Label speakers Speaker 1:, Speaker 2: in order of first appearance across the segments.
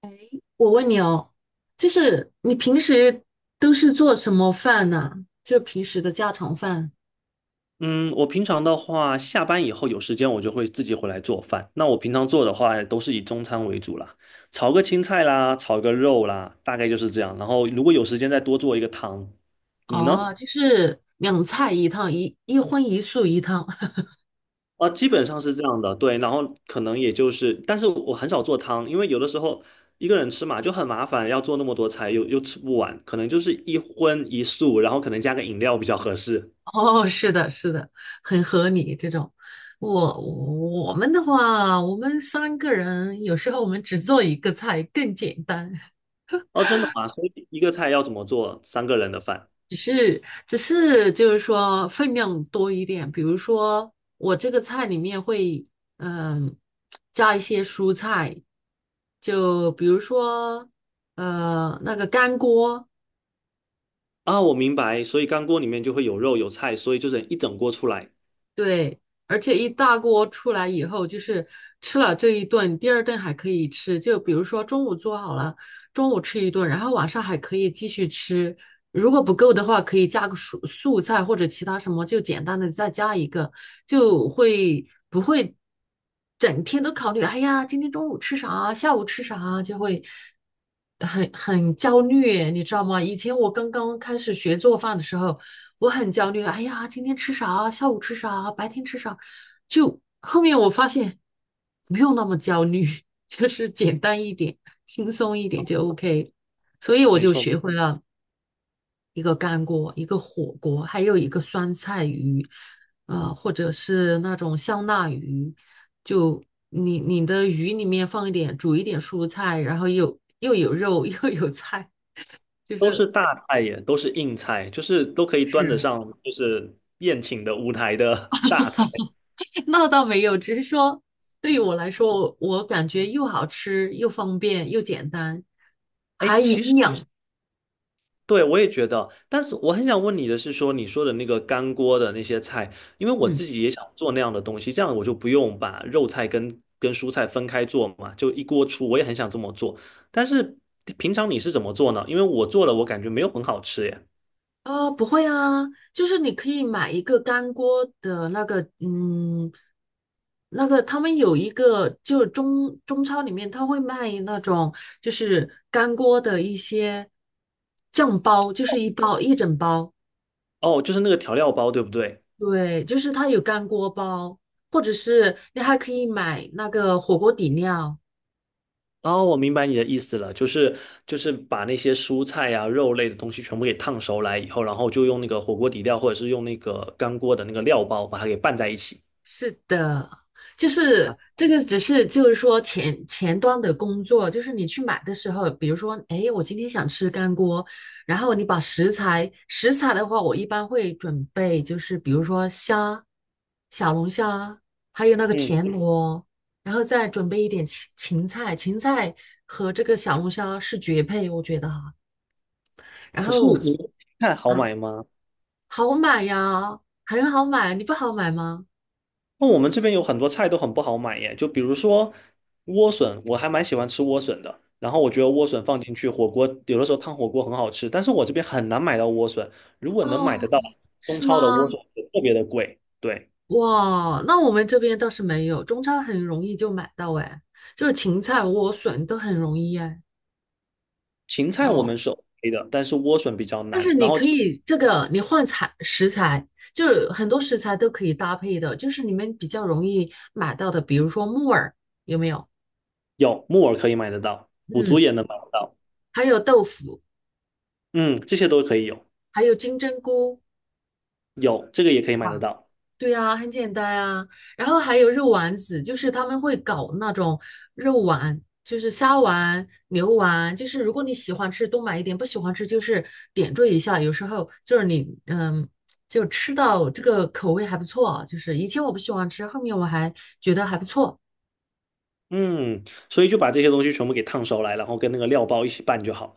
Speaker 1: 哎，我问你哦，就是你平时都是做什么饭呢？就平时的家常饭
Speaker 2: 嗯，我平常的话，下班以后有时间我就会自己回来做饭。那我平常做的话，都是以中餐为主啦，炒个青菜啦，炒个肉啦，大概就是这样。然后如果有时间再多做一个汤。你呢？
Speaker 1: 哦，就是两菜一汤，一荤一素一汤。
Speaker 2: 啊，基本上是这样的，对。然后可能也就是，但是我很少做汤，因为有的时候一个人吃嘛就很麻烦，要做那么多菜又吃不完，可能就是一荤一素，然后可能加个饮料比较合适。
Speaker 1: 哦，是的，是的，很合理这种。我我们的话，我们三个人有时候我们只做一个菜更简单。
Speaker 2: 哦，真的吗？所以一个菜要怎么做三个人的饭？
Speaker 1: 只是就是说分量多一点，比如说我这个菜里面会嗯、加一些蔬菜，就比如说那个干锅，
Speaker 2: 啊，我明白，所以干锅里面就会有肉有菜，所以就是一整锅出来，
Speaker 1: 对，而且一大锅出来以后，就是吃了这一顿，第二顿还可以吃。就比如说中午做好了，中午吃一顿，然后晚上还可以继续吃。如果不够的话，可以加个素菜或者其他什么，就简单的再加一个，就不会整天都考虑，哎呀，今天中午吃啥啊，下午吃啥啊，就会很焦虑，你知道吗？以前我刚刚开始学做饭的时候。我很焦虑。哎呀，今天吃啥？下午吃啥？白天吃啥？就后面我发现不用那么焦虑，就是简单一点，轻松一点就 OK。所以我
Speaker 2: 没
Speaker 1: 就
Speaker 2: 错，
Speaker 1: 学会了一个干锅，一个火锅，还有一个酸菜鱼，或者是那种香辣鱼，就你的鱼里面放一点，煮一点蔬菜，然后又有肉 又有菜，就
Speaker 2: 都
Speaker 1: 是。
Speaker 2: 是大菜耶，都是硬菜，就是都可以端得
Speaker 1: 是。
Speaker 2: 上，就是宴请的舞台的 大菜。
Speaker 1: 那倒没有，只是说对于我来说，我感觉又好吃又方便又简单。
Speaker 2: 哎，其实对我也觉得，但是我很想问你的是说，你说的那个干锅的那些菜，因为我
Speaker 1: 嗯，
Speaker 2: 自己也想做那样的东西，这样我就不用把肉菜跟蔬菜分开做嘛，就一锅出，我也很想这么做，但是平常你是怎么做呢？因为我做了，我感觉没有很好吃耶。
Speaker 1: 不会啊，就是你可以买一个干锅的那个，嗯，那个他们有一个，就是中超里面他会卖那种就是干锅的一些酱包，就是一包一整包，
Speaker 2: 哦，就是那个调料包，对不对？
Speaker 1: 对，就是它有干锅包，或者是你还可以买那个火锅底料。
Speaker 2: 哦，我明白你的意思了，就是把那些蔬菜啊、肉类的东西全部给烫熟来以后，然后就用那个火锅底料或者是用那个干锅的那个料包把它给拌在一起
Speaker 1: 是的，就是
Speaker 2: 啊。
Speaker 1: 这个，只是就是说前端的工作，就是你去买的时候，比如说，哎，我今天想吃干锅，然后你把食材，食材的话，我一般会准备，就是比如说虾、小龙虾，还有那个
Speaker 2: 嗯，
Speaker 1: 田螺，然后再准备一点芹菜，芹菜和这个小龙虾是绝配，我觉得哈。然
Speaker 2: 可是
Speaker 1: 后
Speaker 2: 你们菜好
Speaker 1: 啊，
Speaker 2: 买吗？
Speaker 1: 好买呀，很好买，你不好买吗？
Speaker 2: 那我们这边有很多菜都很不好买耶，就比如说莴笋，我还蛮喜欢吃莴笋的。然后我觉得莴笋放进去火锅，有的时候烫火锅很好吃，但是我这边很难买到莴笋。如果能
Speaker 1: 哦，
Speaker 2: 买得到，中
Speaker 1: 是吗？
Speaker 2: 超的莴笋特别的贵。对。
Speaker 1: 哇，那我们这边倒是没有，中超很容易就买到哎，就是芹菜、莴笋都很容易哎。
Speaker 2: 芹菜我们是 OK 的，但是莴笋比较
Speaker 1: 但
Speaker 2: 难。
Speaker 1: 是
Speaker 2: 然
Speaker 1: 你
Speaker 2: 后
Speaker 1: 可以这个，你换材食材，就是很多食材都可以搭配的，就是你们比较容易买到的，比如说木耳有没有？
Speaker 2: 有木耳可以买得到，腐竹
Speaker 1: 嗯，
Speaker 2: 也能买得到，
Speaker 1: 还有豆腐，
Speaker 2: 嗯，这些都可以有，
Speaker 1: 还有金针菇，
Speaker 2: 有这个也可以
Speaker 1: 是
Speaker 2: 买
Speaker 1: 吧？
Speaker 2: 得到，
Speaker 1: 对呀，很简单啊。然后还有肉丸子，就是他们会搞那种肉丸，就是虾丸、牛丸，就是如果你喜欢吃多买一点，不喜欢吃就是点缀一下。有时候就是你就吃到这个口味还不错啊，就是以前我不喜欢吃，后面我还觉得还不错。
Speaker 2: 嗯，所以就把这些东西全部给烫熟来，然后跟那个料包一起拌就好了。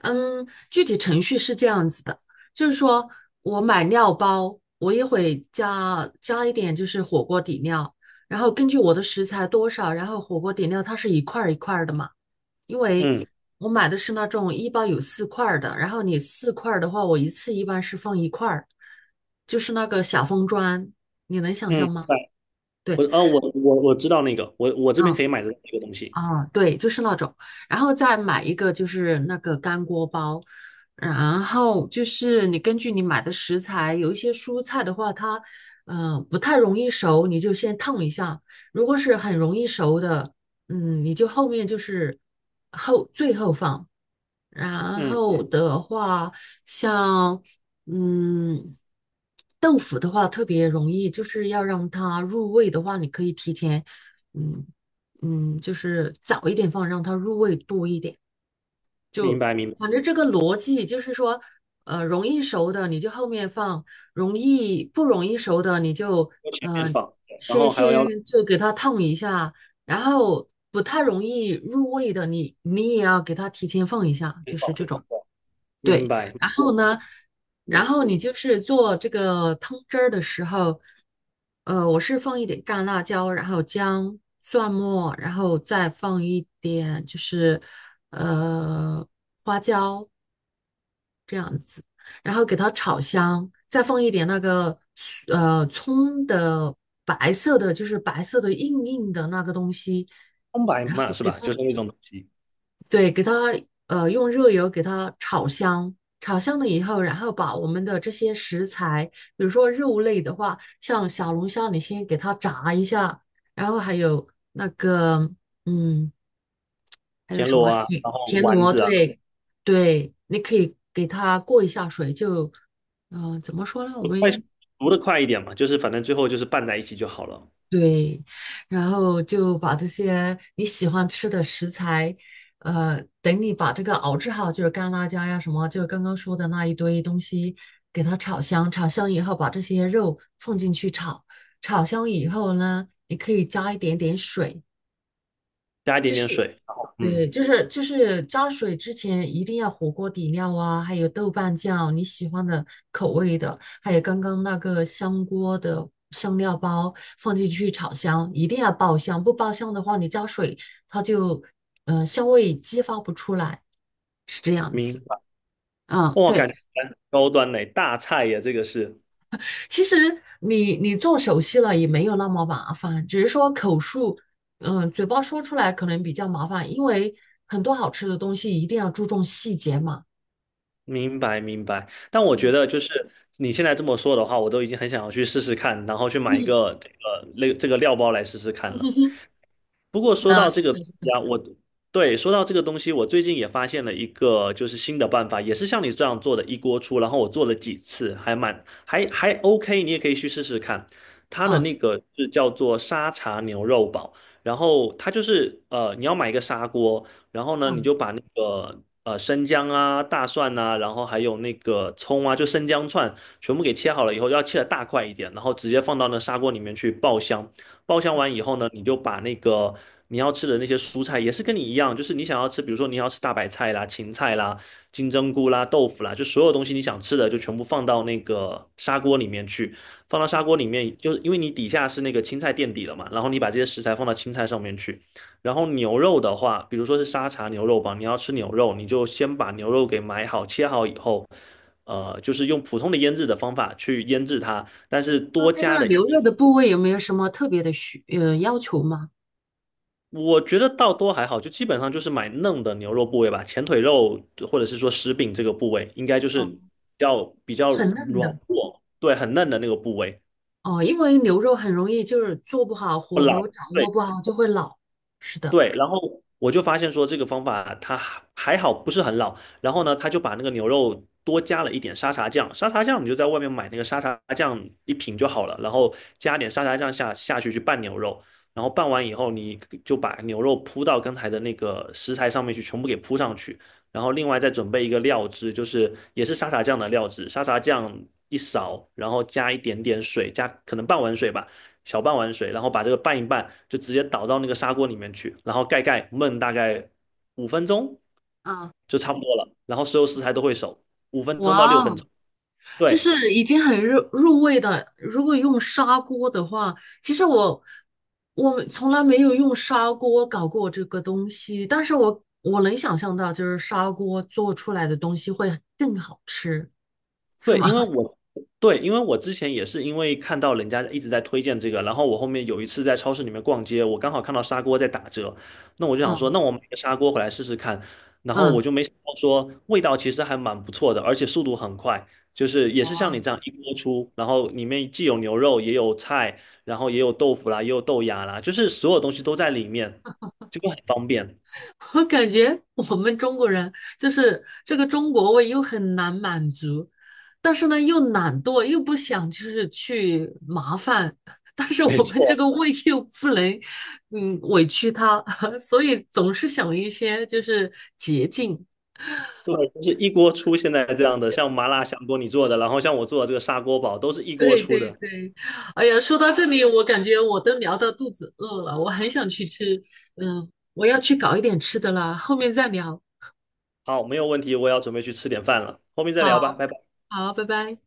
Speaker 1: 嗯，具体程序是这样子的，就是说我买料包，我也会加一点，就是火锅底料，然后根据我的食材多少，然后火锅底料它是一块儿一块儿的嘛，因为
Speaker 2: 嗯
Speaker 1: 我买的是那种一包有四块儿的，然后你四块儿的话，我一次一般是放一块儿，就是那个小方砖，你能想
Speaker 2: 嗯，
Speaker 1: 象吗？
Speaker 2: 对，
Speaker 1: 对，
Speaker 2: 我知道那个，我这边
Speaker 1: 嗯，
Speaker 2: 可以买得到这个东西。
Speaker 1: 啊，对，就是那种，然后再买一个就是那个干锅包，然后就是你根据你买的食材，有一些蔬菜的话，它不太容易熟，你就先烫一下；如果是很容易熟的，你就后面就是最后放。然
Speaker 2: 嗯，
Speaker 1: 后的话，像嗯豆腐的话，特别容易，就是要让它入味的话，你可以提前嗯。就是早一点放，让它入味多一点。
Speaker 2: 明白明白，
Speaker 1: 反正这个逻辑就是说，容易熟的你就后面放，容易不容易熟的你就
Speaker 2: 要前面
Speaker 1: 呃
Speaker 2: 放，对然
Speaker 1: 先
Speaker 2: 后还要后
Speaker 1: 先就给它烫一下，然后不太容易入味的你也要给它提前放一下，就
Speaker 2: 面放，
Speaker 1: 是这种。
Speaker 2: 对明
Speaker 1: 对，
Speaker 2: 白。
Speaker 1: 然后
Speaker 2: 嗯，
Speaker 1: 呢，然
Speaker 2: 嗯
Speaker 1: 后你就是做这个汤汁儿的时候，我是放一点干辣椒，然后姜、蒜末，然后再放一点就是呃花椒，然后给它炒香，再放一点那个葱的白色的，就是白色的硬硬的那个东西，
Speaker 2: 葱白
Speaker 1: 然后
Speaker 2: 嘛是
Speaker 1: 给。
Speaker 2: 吧？就是那种东西，
Speaker 1: 对，给它用热油给它炒香，炒香了以后，然后把我们的这些食材，比如说肉类的话，像小龙虾，你先给它炸一下，然后还有那个嗯，还有
Speaker 2: 田
Speaker 1: 什
Speaker 2: 螺
Speaker 1: 么
Speaker 2: 啊，
Speaker 1: 田
Speaker 2: 然后
Speaker 1: 田
Speaker 2: 丸
Speaker 1: 螺，
Speaker 2: 子啊。
Speaker 1: 对对，你可以给它过一下水，就怎么说呢？
Speaker 2: 快熟的快一点嘛，就是反正最后就是拌在一起就好了，
Speaker 1: 对，然后就把这些你喜欢吃的食材，等你把这个熬制好，就是干辣椒呀什么，就是刚刚说的那一堆东西，给它炒香。炒香以后，把这些肉放进去炒。炒香以后呢，你可以加一点点水，
Speaker 2: 加一点点水。然后嗯，
Speaker 1: 对，就是就是加水之前一定要火锅底料啊，还有豆瓣酱，你喜欢的口味的，还有刚刚那个香锅的香料包放进去炒香，一定要爆香，不爆香的话，你加水它就香味激发不出来，是这样子。
Speaker 2: 明白。
Speaker 1: 嗯，
Speaker 2: 哇，感
Speaker 1: 对，
Speaker 2: 觉蛮高端嘞，大菜呀，这个是。
Speaker 1: 其实你做熟悉了也没有那么麻烦，只是说口述，嗯，嘴巴说出来可能比较麻烦，因为很多好吃的东西一定要注重细节嘛。
Speaker 2: 明白明白。但我觉
Speaker 1: 嗯
Speaker 2: 得就是你现在这么说的话，我都已经很想要去试试看，然后去买一
Speaker 1: 嗯，
Speaker 2: 个这个类这个料包来试试看了。不过说
Speaker 1: 嗯，是的，是的，嗯啊，
Speaker 2: 到这
Speaker 1: 是
Speaker 2: 个
Speaker 1: 的
Speaker 2: 东
Speaker 1: 是
Speaker 2: 西
Speaker 1: 的
Speaker 2: 啊，对，说到这个东西，我最近也发现了一个就是新的办法，也是像你这样做的一锅出，然后我做了几次，还蛮还 OK,你也可以去试试看。它的
Speaker 1: 啊
Speaker 2: 那个是叫做沙茶牛肉煲，然后它就是你要买一个砂锅，然后呢，
Speaker 1: 啊，
Speaker 2: 你就把那个生姜啊、大蒜呐、然后还有那个葱啊，就生姜串全部给切好了以后，要切的大块一点，然后直接放到那砂锅里面去爆香。包厢完以后呢，你就把那个你要吃的那些蔬菜，也是跟你一样，就是你想要吃，比如说你要吃大白菜啦、芹菜啦、金针菇啦、豆腐啦，就所有东西你想吃的就全部放到那个砂锅里面去。放到砂锅里面，就是因为你底下是那个青菜垫底了嘛，然后你把这些食材放到青菜上面去。然后牛肉的话，比如说是沙茶牛肉吧，你要吃牛肉，你就先把牛肉给买好、切好以后，就是用普通的腌制的方法去腌制它，但是
Speaker 1: 那
Speaker 2: 多
Speaker 1: 这
Speaker 2: 加
Speaker 1: 个
Speaker 2: 的。一
Speaker 1: 牛肉
Speaker 2: 点。
Speaker 1: 的部位有没有什么特别的要求吗？
Speaker 2: 我觉得倒多还好，就基本上就是买嫩的牛肉部位吧，前腿肉或者是说食饼这个部位，应该就
Speaker 1: 哦，
Speaker 2: 是要比较
Speaker 1: 很嫩
Speaker 2: 软
Speaker 1: 的
Speaker 2: 糯，对，很嫩的那个部位，
Speaker 1: 哦，因为牛肉很容易就是做不好，
Speaker 2: 不
Speaker 1: 火
Speaker 2: 老。
Speaker 1: 候掌握
Speaker 2: 对
Speaker 1: 不好就会老。是的，
Speaker 2: 对，然后我就发现说这个方法它还好不是很老，然后呢，他就把那个牛肉多加了一点沙茶酱，沙茶酱你就在外面买那个沙茶酱一瓶就好了，然后加点沙茶酱下去拌牛肉，然后拌完以后你就把牛肉铺到刚才的那个食材上面去，全部给铺上去，然后另外再准备一个料汁，就是也是沙茶酱的料汁，沙茶酱一勺，然后加一点点水，加可能半碗水吧。小半碗水，然后把这个拌一拌，就直接倒到那个砂锅里面去，然后盖焖大概五分钟
Speaker 1: 啊，
Speaker 2: 就差不多了。然后所有食材都会熟，五分钟到
Speaker 1: 哇
Speaker 2: 六分
Speaker 1: 哦，
Speaker 2: 钟。
Speaker 1: 就
Speaker 2: 对，
Speaker 1: 是已经很入味的。如果用砂锅的话，其实我从来没有用砂锅搞过这个东西，但是我能想象到，就是砂锅做出来的东西会更好吃，是
Speaker 2: 对，
Speaker 1: 吗？
Speaker 2: 因为我之前也是因为看到人家一直在推荐这个，然后我后面有一次在超市里面逛街，我刚好看到砂锅在打折，那我就想说，
Speaker 1: 嗯
Speaker 2: 那我买个砂锅回来试试看，然后我
Speaker 1: 嗯，
Speaker 2: 就没想到说味道其实还蛮不错的，而且速度很快，就是也是像你
Speaker 1: 哇，
Speaker 2: 这样一锅出，然后里面既有牛肉也有菜，然后也有豆腐啦，也有豆芽啦，就是所有东西都在里面，这个很方便。
Speaker 1: 我感觉我们中国人就是这个中国胃又很难满足，但是呢又懒惰，又不想就是去麻烦，但是
Speaker 2: 没
Speaker 1: 我们这
Speaker 2: 错，
Speaker 1: 个胃又不能委屈它，所以总是想一些就是捷径。
Speaker 2: 对，就是一锅出现在这样的，像麻辣香锅你做的，然后像我做的这个砂锅煲，都是一锅
Speaker 1: 对
Speaker 2: 出
Speaker 1: 对
Speaker 2: 的。
Speaker 1: 对，哎呀，说到这里，我感觉我都聊到肚子饿了，我很想去吃，嗯，我要去搞一点吃的啦，后面再聊。
Speaker 2: 好，没有问题，我也要准备去吃点饭了，后面再
Speaker 1: 好，
Speaker 2: 聊吧，拜拜。
Speaker 1: 好，拜拜。